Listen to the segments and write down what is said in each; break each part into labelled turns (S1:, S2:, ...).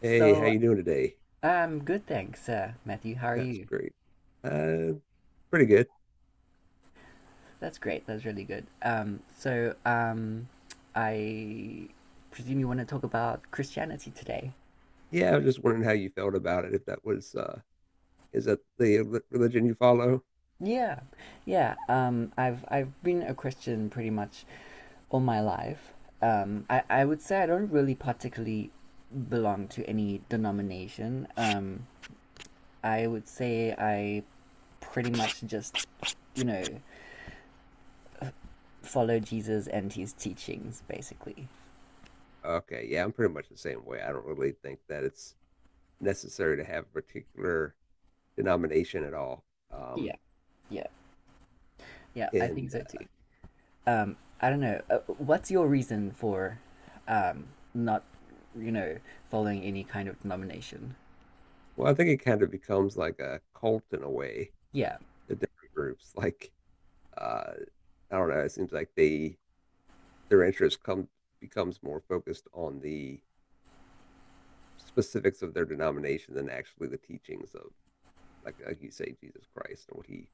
S1: Hey, how
S2: So,
S1: you doing today?
S2: good, thanks, Matthew. How are
S1: That's
S2: you?
S1: great. Uh, pretty good.
S2: That's great. That's really good. So, I presume you want to talk about Christianity today.
S1: Yeah, I was just wondering how you felt about it, if that was is that the religion you follow?
S2: Yeah, yeah. I've been a Christian pretty much all my life. I would say I don't really particularly belong to any denomination. I would say I pretty much just, you know, follow Jesus and his teachings, basically.
S1: Okay, yeah, I'm pretty much the same way. I don't really think that it's necessary to have a particular denomination at all. Um,
S2: Yeah, yeah. Yeah, I think
S1: and
S2: so too. I don't know. What's your reason for um, not, you know, following any kind of denomination?
S1: well, I think it kind of becomes like a cult in a way,
S2: Yeah,
S1: the different groups. Like uh I don't know, it seems like they their interest comes becomes more focused on the specifics of their denomination than actually the teachings of, like you say, Jesus Christ and what he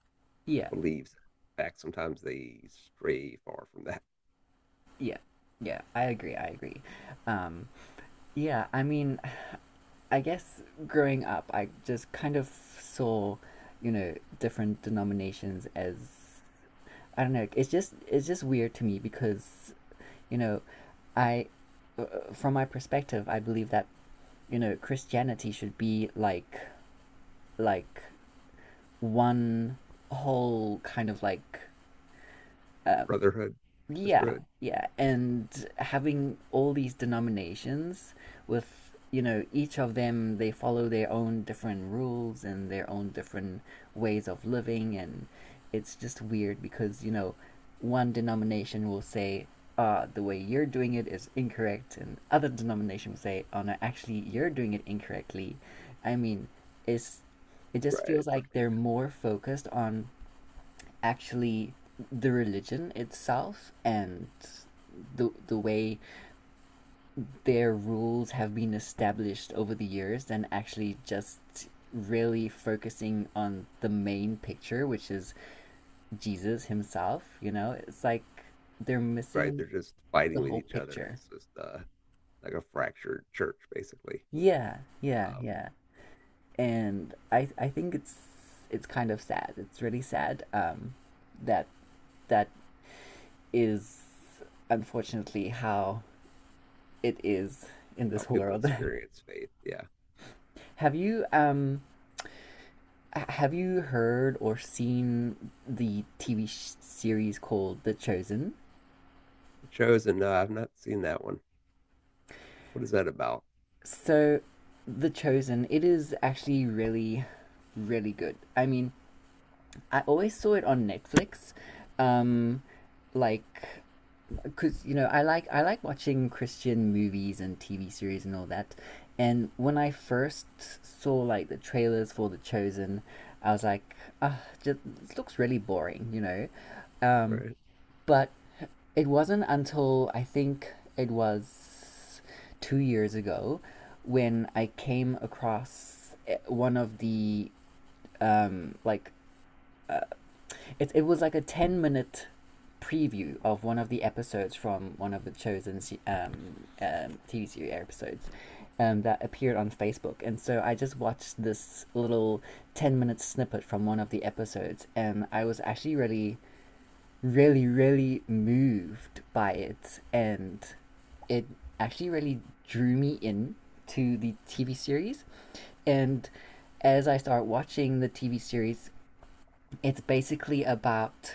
S2: yeah,
S1: believes. In fact, sometimes they stray far from that
S2: yeah, yeah. I agree. I agree. Um, yeah, I mean, I guess growing up, I just kind of saw, you know, different denominations as, I don't know. It's just weird to me, because, you know, I, from my perspective, I believe that, you know, Christianity should be like, like one whole kind of like, uh,
S1: brotherhood or
S2: yeah,
S1: sisterhood.
S2: yeah, and having all these denominations, with, you know, each of them, they follow their own different rules and their own different ways of living. And it's just weird, because, you know, one denomination will say, the way you're doing it is incorrect, and other denomination will say, oh, no, actually, you're doing it incorrectly. I mean, it's it just
S1: Right.
S2: feels
S1: It's
S2: like
S1: like,
S2: they're more focused on actually the religion itself and the way their rules have been established over the years, than actually just really focusing on the main picture, which is Jesus himself, you know? It's like they're
S1: right,
S2: missing
S1: they're just
S2: the
S1: fighting with
S2: whole
S1: each other.
S2: picture.
S1: It's just like a fractured church, basically,
S2: Yeah, yeah,
S1: um,
S2: yeah. And I think it's kind of sad. It's really sad, that that is, unfortunately, how it is in
S1: how
S2: this
S1: people
S2: world.
S1: experience faith. Yeah.
S2: have you um have you heard or seen the TV series called The Chosen?
S1: The Chosen, no, I've not seen that one. What is that about?
S2: So, The Chosen, it is actually really really good. I mean, I always saw it on Netflix. Um like because, you know, I like watching Christian movies and TV series and all that. And when I first saw, like, the trailers for The Chosen, I was like, ah, just, it looks really boring. Um,
S1: Right.
S2: but it wasn't until, I think it was 2 years ago, when I came across, one of the, um, like it was like a 10-minute preview of one of the episodes from one of the Chosen TV series episodes, that appeared on Facebook. And so I just watched this little 10-minute snippet from one of the episodes, and I was actually really, really, really moved by it, and it actually really drew me in to the TV series. And as I start watching the TV series, it's basically about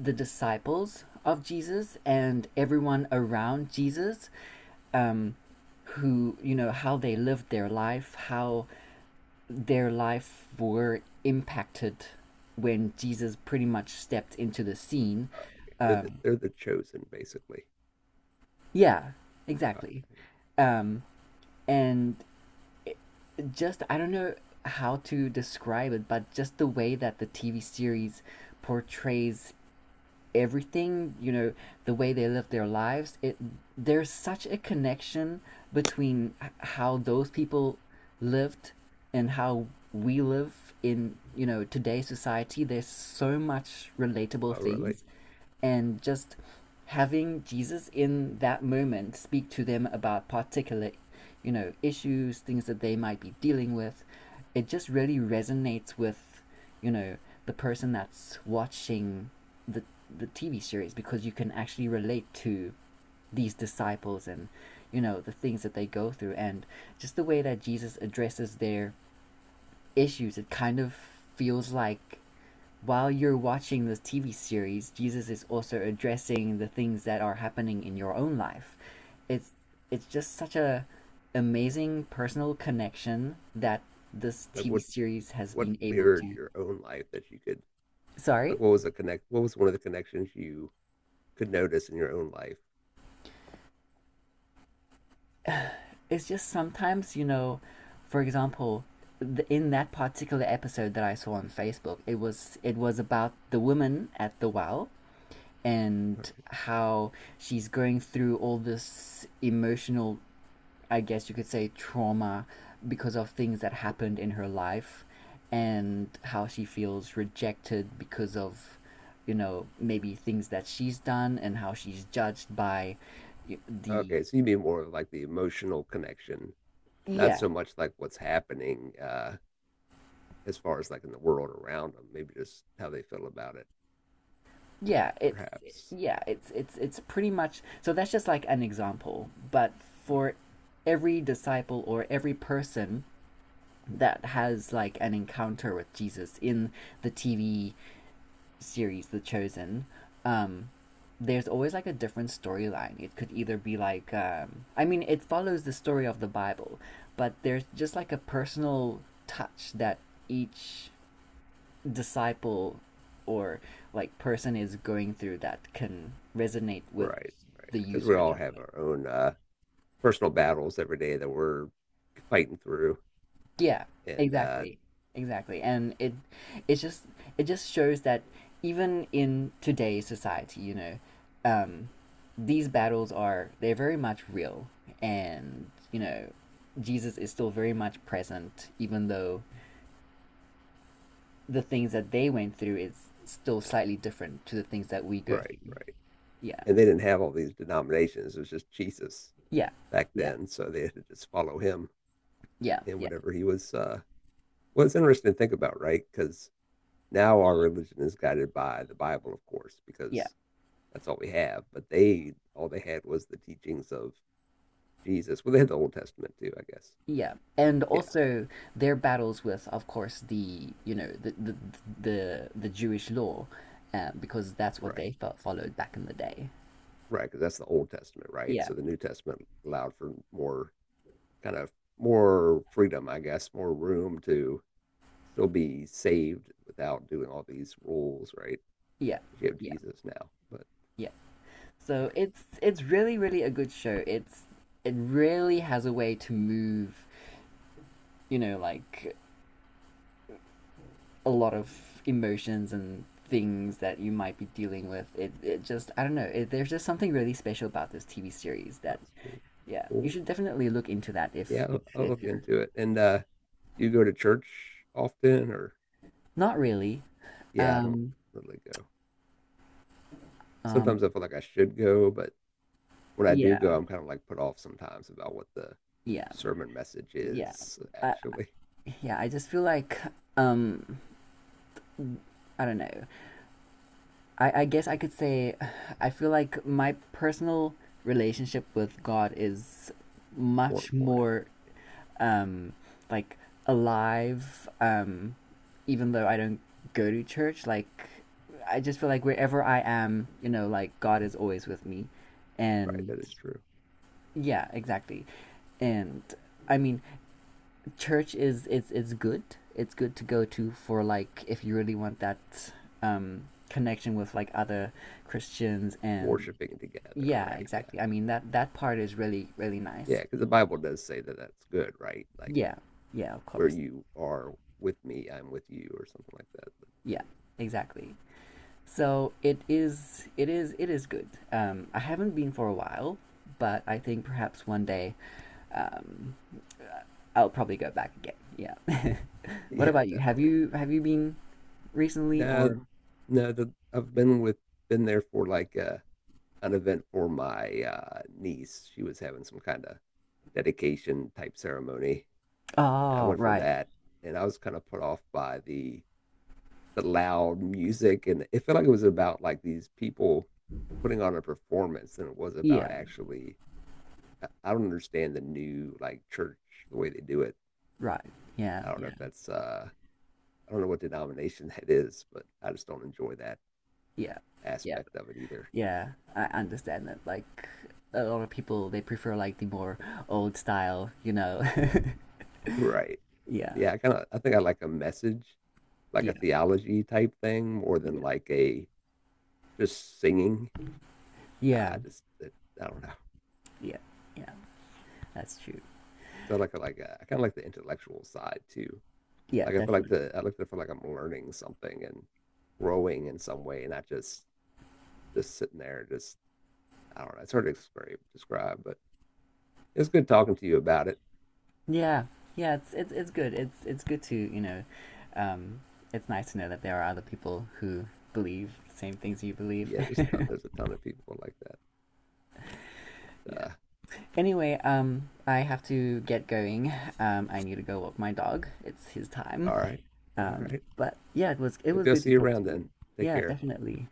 S2: the disciples of Jesus and everyone around Jesus, um, who, you know, how they lived their life, how their life were impacted when Jesus pretty much stepped into the scene. Um,
S1: They're the chosen, basically.
S2: yeah, exactly.
S1: Okay.
S2: Um, and just, I don't know how to describe it, but just the way that the TV series portrays everything, you know, the way they live their lives, it there's such a connection between how those people lived and how we live in, you know, today's society. There's so much relatable
S1: Oh, really?
S2: things, and just having Jesus in that moment speak to them about particular, you know, issues, things that they might be dealing with, it just really resonates with, you know, the person that's watching the the TV series, because you can actually relate to these disciples and, you know, the things that they go through. And just the way that Jesus addresses their issues, it kind of feels like while you're watching this TV series, Jesus is also addressing the things that are happening in your own life. It's it's just such a amazing personal connection that this
S1: Like,
S2: TV series has
S1: what
S2: been able
S1: mirrored
S2: to.
S1: your own life that you could
S2: Sorry.
S1: Like, what was the connect? What was one of the connections you could notice in your own life?
S2: It's just sometimes, you know, for example, in that particular episode that I saw on Facebook, it was about the woman at the well,
S1: All
S2: and
S1: right.
S2: how she's going through all this emotional, I guess you could say, trauma, because of things that happened in her life, and how she feels rejected because of, you know, maybe things that she's done, and how she's judged by the,
S1: Okay, so you mean more of like the emotional connection, not
S2: yeah.
S1: so much like what's happening as far as like in the world around them. Maybe just how they feel about it,
S2: Yeah, it's
S1: perhaps.
S2: yeah, it's pretty much, so that's just like an example. But for every disciple or every person that has, like, an encounter with Jesus in the TV series The Chosen, um there's always, like, a different storyline. It could either be like, I mean, it follows the story of the Bible, but there's just, like, a personal touch that each disciple or, like, person is going through that can resonate with
S1: Right, right.
S2: the
S1: Because we
S2: user
S1: all
S2: that's
S1: have
S2: like,
S1: our own personal battles every day that we're fighting through,
S2: yeah,
S1: and
S2: exactly, exactly. And it it just it just shows that even in today's society, you know, um these battles are they're very much real. And, you know, Jesus is still very much present, even though the things that they went through is still slightly different to the things that we go
S1: right,
S2: through.
S1: right.
S2: Yeah,
S1: And they didn't have all these denominations. It was just Jesus
S2: yeah,
S1: back
S2: yeah.
S1: then, so they had to just follow him
S2: Yeah,
S1: and
S2: yeah,
S1: whatever he was Well, it's interesting to think about, right? Because now our religion is guided by the Bible, of course,
S2: yeah,
S1: because that's all we have. But all they had was the teachings of Jesus. Well, they had the Old Testament too, I guess.
S2: yeah. And
S1: Yeah,
S2: also, their battles with, of course, the you know the Jewish law, because that's what they
S1: right,
S2: followed back in the day.
S1: right. Because that's the Old Testament, right?
S2: Yeah,
S1: So the New Testament allowed for more kind of more freedom, I guess, more room to still be saved without doing all these rules, right?
S2: yeah,
S1: You have
S2: yeah,
S1: Jesus now, but
S2: yeah.
S1: all
S2: So
S1: right,
S2: it's really really a good show. It really has a way to move, you know, like, a lot of emotions and things that you might be dealing with. It just I don't know. There's just something really special about this TV series that
S1: that's cool.
S2: Yeah, you
S1: Cool.
S2: should definitely look into that
S1: Yeah,
S2: if
S1: I'll, I'll look
S2: you're
S1: into it. And do you go to church often or?
S2: not really.
S1: Yeah, I don't
S2: Um,
S1: really go.
S2: um,
S1: Sometimes I feel like I should go, but when I do
S2: yeah,
S1: go, I'm kind of like put off sometimes about what the
S2: yeah,
S1: sermon message
S2: yeah.
S1: is
S2: I,
S1: actually.
S2: yeah, I just feel like, um, I don't know. I guess I
S1: It's
S2: could say, I feel like my personal relationship with God is
S1: more
S2: much
S1: important,
S2: more, um, like, alive. Even though I don't go to church, like, I just feel like wherever I am, you know, like, God is always with me,
S1: right?
S2: and
S1: That is true.
S2: yeah, exactly. And I mean, church is it's good. It's good to go to for, like, if you really want that, connection with, like, other Christians. And
S1: Worshiping together,
S2: yeah,
S1: right? Yeah.
S2: exactly. I mean, that that part is really really nice.
S1: Yeah, because the Bible does say that that's good, right? Like
S2: Yeah, yeah, of
S1: where
S2: course.
S1: you are with me, I'm with you, or something like that. But
S2: Yeah, exactly. So it is, it is, it is good. I haven't been for a while, but I think perhaps one day, um, I'll probably go back again. Yeah. What
S1: yeah,
S2: about you? Have
S1: definitely.
S2: you have you been recently
S1: No,
S2: or?
S1: no, the, I've been with, been there for like an event for my niece. She was having some kind of dedication type ceremony, and I
S2: Oh,
S1: went for
S2: right.
S1: that. And I was kind of put off by the loud music, and it felt like it was about like these people putting on a performance than it was about
S2: Yeah,
S1: actually. I don't understand the new like church the way they do it.
S2: right. Yeah,
S1: I don't know
S2: yeah,
S1: if that's I don't know what denomination that is, but I just don't enjoy that
S2: yeah, yeah,
S1: aspect of it either.
S2: yeah. I understand that. Like, a lot of people, they prefer like the more old style, you know.
S1: Right.
S2: Yeah,
S1: Yeah, I kind of I think I like a message like a
S2: yeah,
S1: theology type thing more
S2: yeah,
S1: than like a just singing.
S2: yeah,
S1: I just it, I don't know.
S2: yeah, yeah. That's true.
S1: So I kind of like the intellectual side too.
S2: Yeah,
S1: Like
S2: definitely.
S1: I like to feel like I'm learning something and growing in some way, and not just just sitting there. Just I don't know. It's hard to describe but it's good talking to you about it.
S2: Yeah, yeah, it's good. It's good to, you know, um, it's nice to know that there are other people who believe the same things you believe.
S1: There's a ton of people like that.
S2: Yeah.
S1: But,
S2: Anyway, I have to get going. I need to go walk my dog. It's his
S1: uh,
S2: time.
S1: all right, all right.
S2: But yeah, it was
S1: Maybe I'll
S2: good to
S1: see you
S2: talk to
S1: around
S2: you.
S1: then. Take
S2: Yeah,
S1: care.
S2: definitely.